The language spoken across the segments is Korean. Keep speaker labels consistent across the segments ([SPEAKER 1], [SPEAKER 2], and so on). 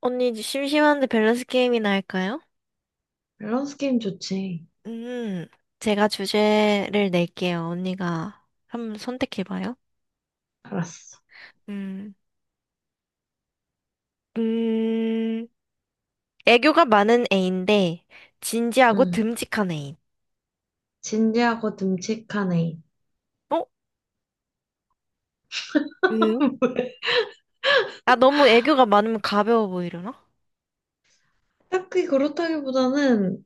[SPEAKER 1] 언니, 심심한데 밸런스 게임이나 할까요?
[SPEAKER 2] 밸런스 게임 좋지.
[SPEAKER 1] 음, 제가 주제를 낼게요. 언니가 한번 선택해봐요.
[SPEAKER 2] 알았어.
[SPEAKER 1] 음, 음, 애교가 많은 애인데, 진지하고
[SPEAKER 2] 응.
[SPEAKER 1] 듬직한 애인.
[SPEAKER 2] 진지하고 듬직한 애인.
[SPEAKER 1] 어? 왜요? 아, 너무 애교가 많으면 가벼워 보이려나?
[SPEAKER 2] 딱히 그렇다기보다는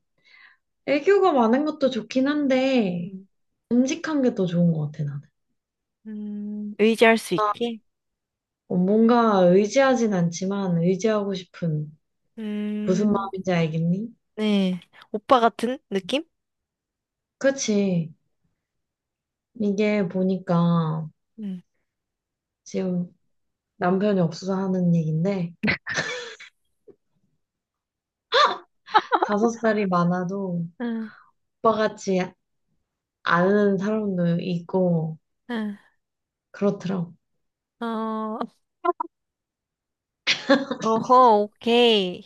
[SPEAKER 2] 애교가 많은 것도 좋긴 한데,
[SPEAKER 1] 음,
[SPEAKER 2] 듬직한 게 더 좋은 것 같아, 나는.
[SPEAKER 1] 의지할 수 있게?
[SPEAKER 2] 어, 뭔가 의지하진 않지만 의지하고 싶은 무슨
[SPEAKER 1] 음,
[SPEAKER 2] 마음인지 알겠니?
[SPEAKER 1] 네. 오빠 같은 느낌?
[SPEAKER 2] 그치. 이게 보니까
[SPEAKER 1] 음.
[SPEAKER 2] 지금 남편이 없어서 하는 얘긴데, 다섯 살이 많아도
[SPEAKER 1] 응,
[SPEAKER 2] 오빠같이 아는 사람도 있고,
[SPEAKER 1] 응.
[SPEAKER 2] 그렇더라고.
[SPEAKER 1] 어, 어허, 오케이.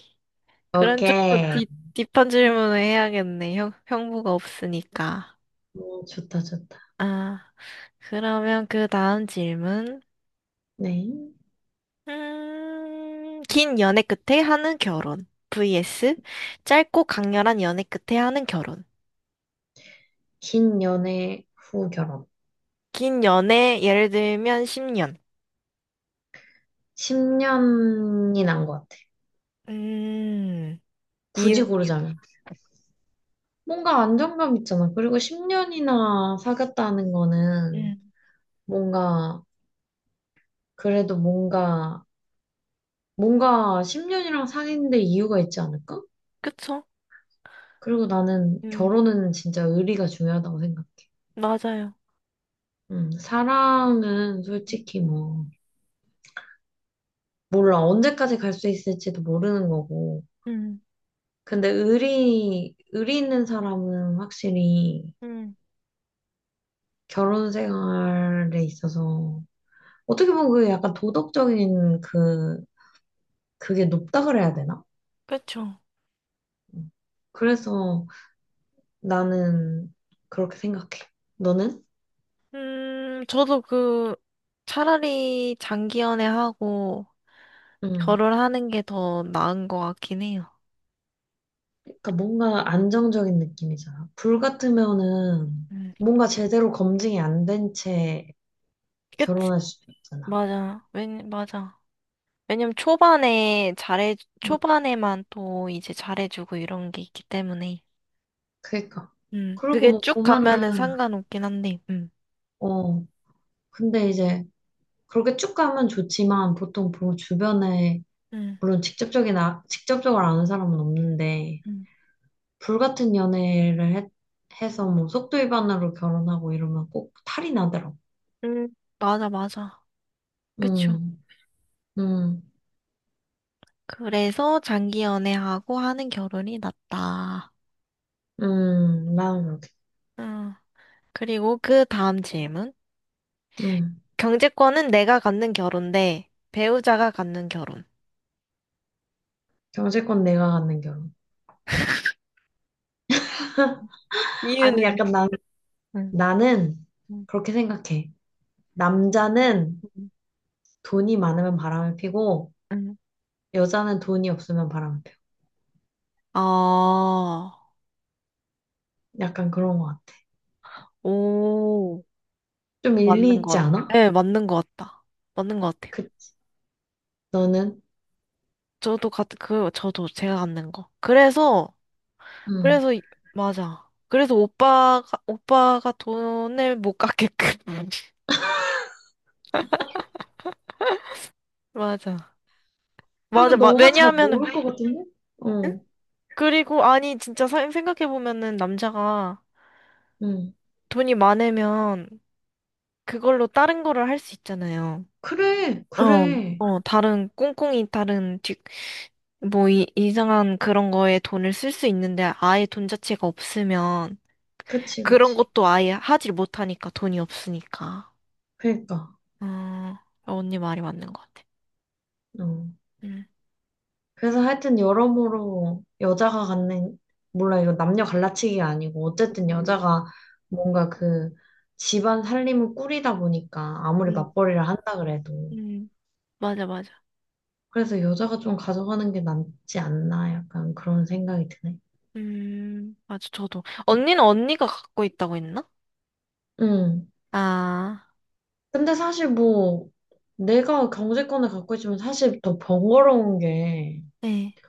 [SPEAKER 1] 그런 쪽도
[SPEAKER 2] 오케이.
[SPEAKER 1] 딥 딥한 질문을 해야겠네. 형부가 없으니까.
[SPEAKER 2] 어, 좋다, 좋다.
[SPEAKER 1] 아, 그러면 그 다음 질문.
[SPEAKER 2] 네.
[SPEAKER 1] 긴 연애 끝에 하는 결혼. vs 짧고 강렬한 연애 끝에 하는 결혼.
[SPEAKER 2] 긴 연애 후 결혼.
[SPEAKER 1] 긴 연애, 예를 들면 10년.
[SPEAKER 2] 10년이 난 것 같아.
[SPEAKER 1] 음,
[SPEAKER 2] 굳이
[SPEAKER 1] 이은이요?
[SPEAKER 2] 고르자면. 뭔가 안정감 있잖아. 그리고 10년이나 사귀었다는 거는
[SPEAKER 1] 음,
[SPEAKER 2] 뭔가, 그래도 뭔가, 뭔가 10년이랑 사귄 데 이유가 있지 않을까?
[SPEAKER 1] 그쵸?
[SPEAKER 2] 그리고 나는
[SPEAKER 1] 음,
[SPEAKER 2] 결혼은 진짜 의리가 중요하다고 생각해.
[SPEAKER 1] 맞아요.
[SPEAKER 2] 사랑은 솔직히 뭐, 몰라. 언제까지 갈 수 있을지도 모르는 거고.
[SPEAKER 1] 음,
[SPEAKER 2] 근데 의리, 의리 있는 사람은 확실히
[SPEAKER 1] 음,
[SPEAKER 2] 결혼 생활에 있어서 어떻게 보면 그게 약간 도덕적인 그, 그게 높다 그래야 되나?
[SPEAKER 1] 그쵸.
[SPEAKER 2] 음. 그래서 나는 그렇게 생각해. 너는?
[SPEAKER 1] 저도 차라리 장기 연애하고,
[SPEAKER 2] 응.
[SPEAKER 1] 결혼하는 게 더 나은 것 같긴 해요.
[SPEAKER 2] 그러니까 뭔가 안정적인 느낌이잖아. 불 같으면은
[SPEAKER 1] 음,
[SPEAKER 2] 뭔가 제대로 검증이 안 된 채
[SPEAKER 1] 그치.
[SPEAKER 2] 결혼할 수도 있잖아.
[SPEAKER 1] 맞아. 왜, 맞아. 왜냐면 초반에 잘해,
[SPEAKER 2] 응.
[SPEAKER 1] 초반에만 또 이제 잘해주고 이런 게 있기 때문에.
[SPEAKER 2] 그러니까. 그리고
[SPEAKER 1] 그게
[SPEAKER 2] 뭐
[SPEAKER 1] 쭉 가면은
[SPEAKER 2] 보면은,
[SPEAKER 1] 상관없긴 한데,
[SPEAKER 2] 어, 근데 이제 그렇게 쭉 가면 좋지만 보통 주변에
[SPEAKER 1] 음,
[SPEAKER 2] 물론 직접적인 직접적으로 아는 사람은 없는데
[SPEAKER 1] 음,
[SPEAKER 2] 불같은 연애를 해서 뭐 속도위반으로 결혼하고 이러면 꼭 탈이 나더라고.
[SPEAKER 1] 음, 맞아, 맞아. 그쵸.
[SPEAKER 2] 음, 음,
[SPEAKER 1] 그래서 장기 연애하고 하는 결혼이 낫다.
[SPEAKER 2] 나는 그렇게.
[SPEAKER 1] 음, 그리고 그 다음 질문.
[SPEAKER 2] 음,
[SPEAKER 1] 경제권은 내가 갖는 결혼 대 배우자가 갖는 결혼.
[SPEAKER 2] 경제권 내가 갖는 결혼. 아니
[SPEAKER 1] 이유는요?
[SPEAKER 2] 약간 나는
[SPEAKER 1] 음.
[SPEAKER 2] 나는
[SPEAKER 1] 음.
[SPEAKER 2] 그렇게 생각해. 남자는 돈이 많으면 바람을 피고
[SPEAKER 1] 응.
[SPEAKER 2] 여자는 돈이 없으면 바람을 피워.
[SPEAKER 1] 아,
[SPEAKER 2] 약간 그런 것 같아.
[SPEAKER 1] 오,
[SPEAKER 2] 좀
[SPEAKER 1] 좀
[SPEAKER 2] 일리
[SPEAKER 1] 맞는
[SPEAKER 2] 있지
[SPEAKER 1] 것 같아.
[SPEAKER 2] 않아?
[SPEAKER 1] 네, 맞는 것 같다. 맞는 것 같아요.
[SPEAKER 2] 그 너는?
[SPEAKER 1] 저도 제가 갖는 거.
[SPEAKER 2] 음.
[SPEAKER 1] 그래서, 이- 맞아. 그래서 오빠가 돈을 못 갚게끔. 맞아.
[SPEAKER 2] 그리고 너가 잘
[SPEAKER 1] 왜냐하면은,
[SPEAKER 2] 모를 것 같은데? 어,
[SPEAKER 1] 그리고, 아니, 진짜 생각해보면은, 남자가
[SPEAKER 2] 응.
[SPEAKER 1] 돈이 많으면, 그걸로 다른 거를 할 수 있잖아요.
[SPEAKER 2] 그래,
[SPEAKER 1] 어,
[SPEAKER 2] 그래.
[SPEAKER 1] 어, 다른, 꽁꽁이 다른, 뒤, 뭐, 이, 이상한 그런 거에 돈을 쓸 수 있는데 아예 돈 자체가 없으면
[SPEAKER 2] 그치,
[SPEAKER 1] 그런
[SPEAKER 2] 그치.
[SPEAKER 1] 것도 아예 하질 못하니까 돈이 없으니까.
[SPEAKER 2] 그러니까.
[SPEAKER 1] 어... 언니 말이 맞는 것 같아.
[SPEAKER 2] 어.
[SPEAKER 1] 음,
[SPEAKER 2] 그래서 하여튼 여러모로 여자가 갖는, 몰라, 이거 남녀 갈라치기가 아니고, 어쨌든 여자가 뭔가 그 집안 살림을 꾸리다 보니까 아무리
[SPEAKER 1] 음,
[SPEAKER 2] 맞벌이를 한다 그래도.
[SPEAKER 1] 음, 맞아, 맞아.
[SPEAKER 2] 그래서 여자가 좀 가져가는 게 낫지 않나, 약간 그런 생각이 드네.
[SPEAKER 1] 맞아, 저도. 언니는 언니가 갖고 있다고 했나?
[SPEAKER 2] 응.
[SPEAKER 1] 아,
[SPEAKER 2] 근데 사실 뭐, 내가 경제권을 갖고 있으면 사실 더 번거로운 게,
[SPEAKER 1] 네.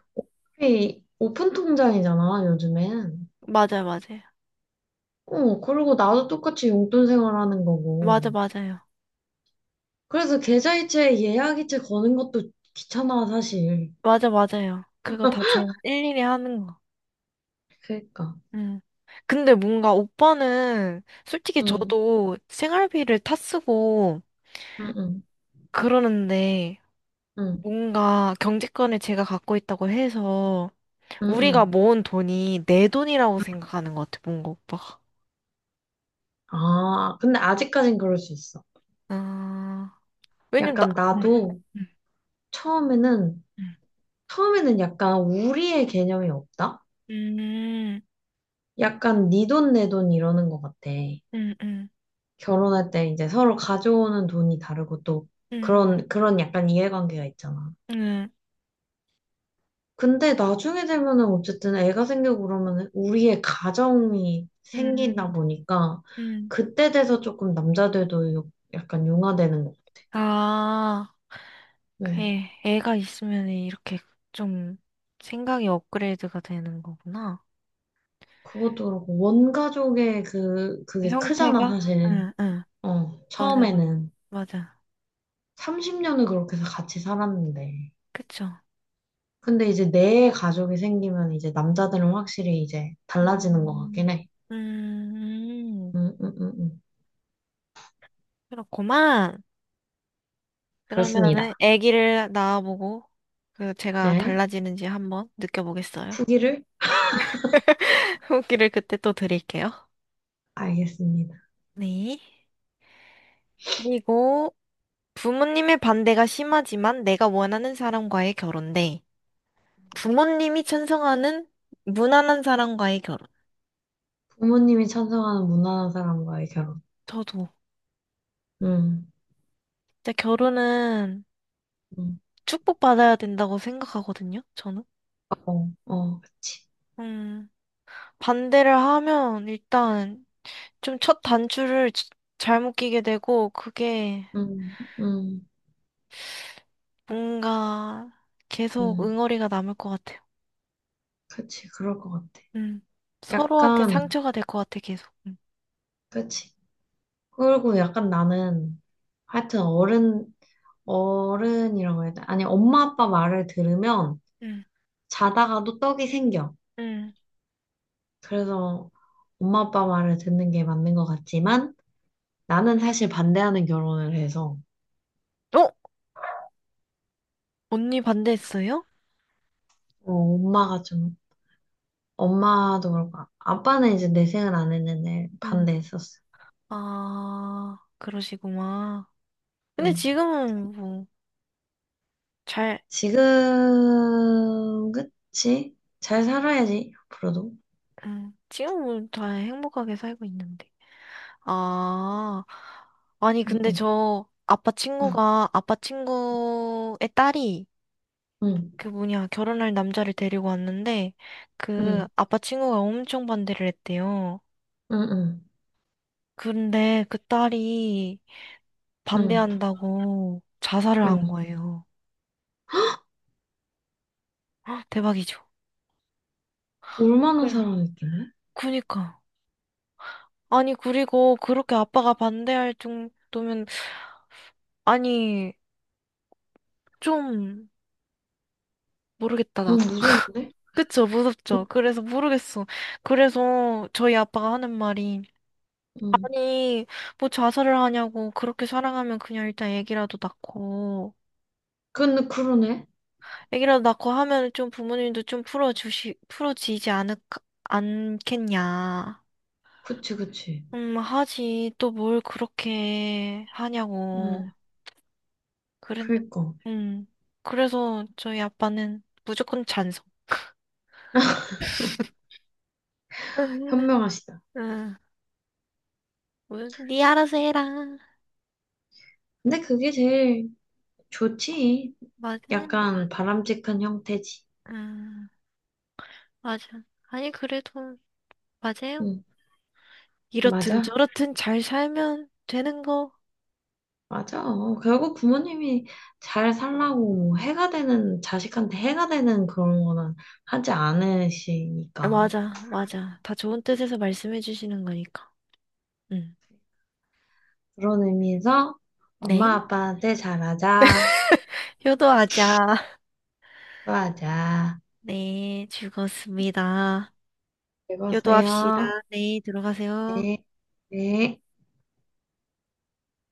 [SPEAKER 2] 이 오픈 통장이잖아, 요즘엔.
[SPEAKER 1] 맞아, 요 맞아요.
[SPEAKER 2] 어, 그리고 나도 똑같이 용돈 생활하는 거고.
[SPEAKER 1] 맞아, 맞아요.
[SPEAKER 2] 그래서 계좌이체, 예약이체 거는 것도 귀찮아, 사실.
[SPEAKER 1] 맞아, 맞아요. 그거 다 제가 일일이 하는 거.
[SPEAKER 2] 그러니까.
[SPEAKER 1] 음. 근데 뭔가 오빠는 솔직히
[SPEAKER 2] 응,
[SPEAKER 1] 저도 생활비를 타 쓰고
[SPEAKER 2] 응, 응,
[SPEAKER 1] 그러는데
[SPEAKER 2] 응,
[SPEAKER 1] 뭔가 경제권을 제가 갖고 있다고 해서
[SPEAKER 2] 응,
[SPEAKER 1] 우리가
[SPEAKER 2] 응.
[SPEAKER 1] 모은 돈이 내 돈이라고 생각하는 것 같아, 뭔가 오빠가.
[SPEAKER 2] 아, 근데 아직까진 그럴 수 있어.
[SPEAKER 1] 아, 왜냐면 나,
[SPEAKER 2] 약간
[SPEAKER 1] 응,
[SPEAKER 2] 나도 처음에는,
[SPEAKER 1] 응,
[SPEAKER 2] 처음에는 약간 우리의 개념이 없다?
[SPEAKER 1] 응,
[SPEAKER 2] 약간 네 돈 내 돈 이러는 것 같아.
[SPEAKER 1] 응, 응,
[SPEAKER 2] 결혼할 때 이제 서로 가져오는 돈이 다르고 또
[SPEAKER 1] 응,
[SPEAKER 2] 그런 약간 이해관계가 있잖아.
[SPEAKER 1] 응,
[SPEAKER 2] 근데 나중에 되면은 어쨌든 애가 생기고 그러면 우리의 가정이 생기다
[SPEAKER 1] 응,
[SPEAKER 2] 보니까
[SPEAKER 1] 응.
[SPEAKER 2] 그때 돼서 조금 남자들도 약간 융화되는 거.
[SPEAKER 1] 아,
[SPEAKER 2] 응.
[SPEAKER 1] 그래. 애가 있으면 이렇게 좀 생각이 업그레이드가 되는 거구나.
[SPEAKER 2] 그것도 그렇고 원가족의 그게 크잖아
[SPEAKER 1] 형태가?
[SPEAKER 2] 사실.
[SPEAKER 1] 응, 응.
[SPEAKER 2] 어
[SPEAKER 1] 맞아, 맞아.
[SPEAKER 2] 처음에는
[SPEAKER 1] 맞아.
[SPEAKER 2] 30년을 그렇게 해서 같이 살았는데.
[SPEAKER 1] 그쵸.
[SPEAKER 2] 근데 이제 내 가족이 생기면 이제 남자들은 확실히 이제 달라지는 것
[SPEAKER 1] 음,
[SPEAKER 2] 같긴 해.
[SPEAKER 1] 음,
[SPEAKER 2] 음, 음, 음, 음.
[SPEAKER 1] 그렇구만.
[SPEAKER 2] 그렇습니다.
[SPEAKER 1] 그러면은 아기를 낳아보고 그 제가
[SPEAKER 2] 네.
[SPEAKER 1] 달라지는지 한번 느껴보겠어요.
[SPEAKER 2] 후기를.
[SPEAKER 1] 후기를 그때 또 드릴게요.
[SPEAKER 2] 알겠습니다.
[SPEAKER 1] 네. 그리고 부모님의 반대가 심하지만 내가 원하는 사람과의 결혼 대 부모님이 찬성하는 무난한 사람과의 결혼.
[SPEAKER 2] 부모님이 찬성하는 무난한 사람과의 결혼.
[SPEAKER 1] 저도
[SPEAKER 2] 음,
[SPEAKER 1] 진짜 결혼은
[SPEAKER 2] 음,
[SPEAKER 1] 축복받아야 된다고 생각하거든요. 저는.
[SPEAKER 2] 어, 어, 그치.
[SPEAKER 1] 음, 반대를 하면 일단 좀 첫 단추를 잘못 끼게 되고 그게
[SPEAKER 2] 음, 음,
[SPEAKER 1] 뭔가 계속
[SPEAKER 2] 음,
[SPEAKER 1] 응어리가 남을 것 같아요.
[SPEAKER 2] 그치. 그럴 것 같아.
[SPEAKER 1] 음. 서로한테
[SPEAKER 2] 약간,
[SPEAKER 1] 상처가 될 것 같아 계속. 음.
[SPEAKER 2] 그치. 그리고 약간 나는, 하여튼 어른이라고 해야 돼. 아니, 엄마 아빠 말을 들으면
[SPEAKER 1] 음.
[SPEAKER 2] 자다가도 떡이 생겨.
[SPEAKER 1] 음.
[SPEAKER 2] 그래서 엄마 아빠 말을 듣는 게 맞는 것 같지만, 나는 사실 반대하는 결혼을 해서,
[SPEAKER 1] 어? 언니 반대했어요?
[SPEAKER 2] 어, 엄마가 좀 엄마도 그렇고, 아빠는 이제 내생을 안 했는데
[SPEAKER 1] 음.
[SPEAKER 2] 반대했었어.
[SPEAKER 1] 아, 그러시구만. 근데
[SPEAKER 2] 응.
[SPEAKER 1] 지금은 뭐 잘,
[SPEAKER 2] 지금, 그치? 잘 살아야지, 앞으로도.
[SPEAKER 1] 지금은 다 행복하게 살고 있는데. 아, 아니
[SPEAKER 2] 응,
[SPEAKER 1] 근데
[SPEAKER 2] 응,
[SPEAKER 1] 저 아빠
[SPEAKER 2] 응,
[SPEAKER 1] 친구가 아빠 친구의 딸이
[SPEAKER 2] 응,
[SPEAKER 1] 그 뭐냐, 결혼할 남자를 데리고 왔는데, 그
[SPEAKER 2] 응,
[SPEAKER 1] 아빠 친구가 엄청 반대를 했대요.
[SPEAKER 2] 응,
[SPEAKER 1] 근데 그 딸이
[SPEAKER 2] 응, 응.
[SPEAKER 1] 반대한다고 자살을 한
[SPEAKER 2] 응.
[SPEAKER 1] 거예요. 헉, 대박이죠.
[SPEAKER 2] 얼마나
[SPEAKER 1] 그래.
[SPEAKER 2] 살아있길래?
[SPEAKER 1] 그니까. 아니, 그리고 그렇게 아빠가 반대할 정도면, 아니, 좀, 모르겠다,
[SPEAKER 2] 너무
[SPEAKER 1] 나도.
[SPEAKER 2] 무서운데?
[SPEAKER 1] 그쵸, 무섭죠.
[SPEAKER 2] 너,
[SPEAKER 1] 그래서 모르겠어. 그래서 저희 아빠가 하는 말이,
[SPEAKER 2] 응.
[SPEAKER 1] 아니, 뭐 자살을 하냐고, 그렇게 사랑하면 그냥 일단 애기라도 낳고,
[SPEAKER 2] 근데 그러네?
[SPEAKER 1] 애기라도 낳고 하면 좀 풀어지지 않을, 않겠냐.
[SPEAKER 2] 그치, 그치.
[SPEAKER 1] 하지. 또 뭘 그렇게 하냐고.
[SPEAKER 2] 응,
[SPEAKER 1] 그래,
[SPEAKER 2] 그니까.
[SPEAKER 1] 음. 그래서 저희 아빠는 무조건 찬성.
[SPEAKER 2] 현명하시다.
[SPEAKER 1] 응, 뭐, 니 알아서 해라.
[SPEAKER 2] 근데 그게 제일 좋지.
[SPEAKER 1] 맞아.
[SPEAKER 2] 약간 바람직한 형태지.
[SPEAKER 1] 응, 맞아. 아니, 그래도, 맞아요.
[SPEAKER 2] 응,
[SPEAKER 1] 이렇든
[SPEAKER 2] 맞아.
[SPEAKER 1] 저렇든 잘 살면 되는 거.
[SPEAKER 2] 맞아. 결국 부모님이 잘 살라고 해가 되는, 자식한테 해가 되는 그런 거는 하지
[SPEAKER 1] 아,
[SPEAKER 2] 않으시니까.
[SPEAKER 1] 맞아, 맞아. 다 좋은 뜻에서 말씀해 주시는 거니까. 응.
[SPEAKER 2] 그런 의미에서 엄마
[SPEAKER 1] 네.
[SPEAKER 2] 아빠한테 잘하자,
[SPEAKER 1] 효도하자.
[SPEAKER 2] 좋아하자.
[SPEAKER 1] 네, 즐거웠습니다. 효도합시다.
[SPEAKER 2] 읽었어요.
[SPEAKER 1] 네, 들어가세요.
[SPEAKER 2] 네. 네.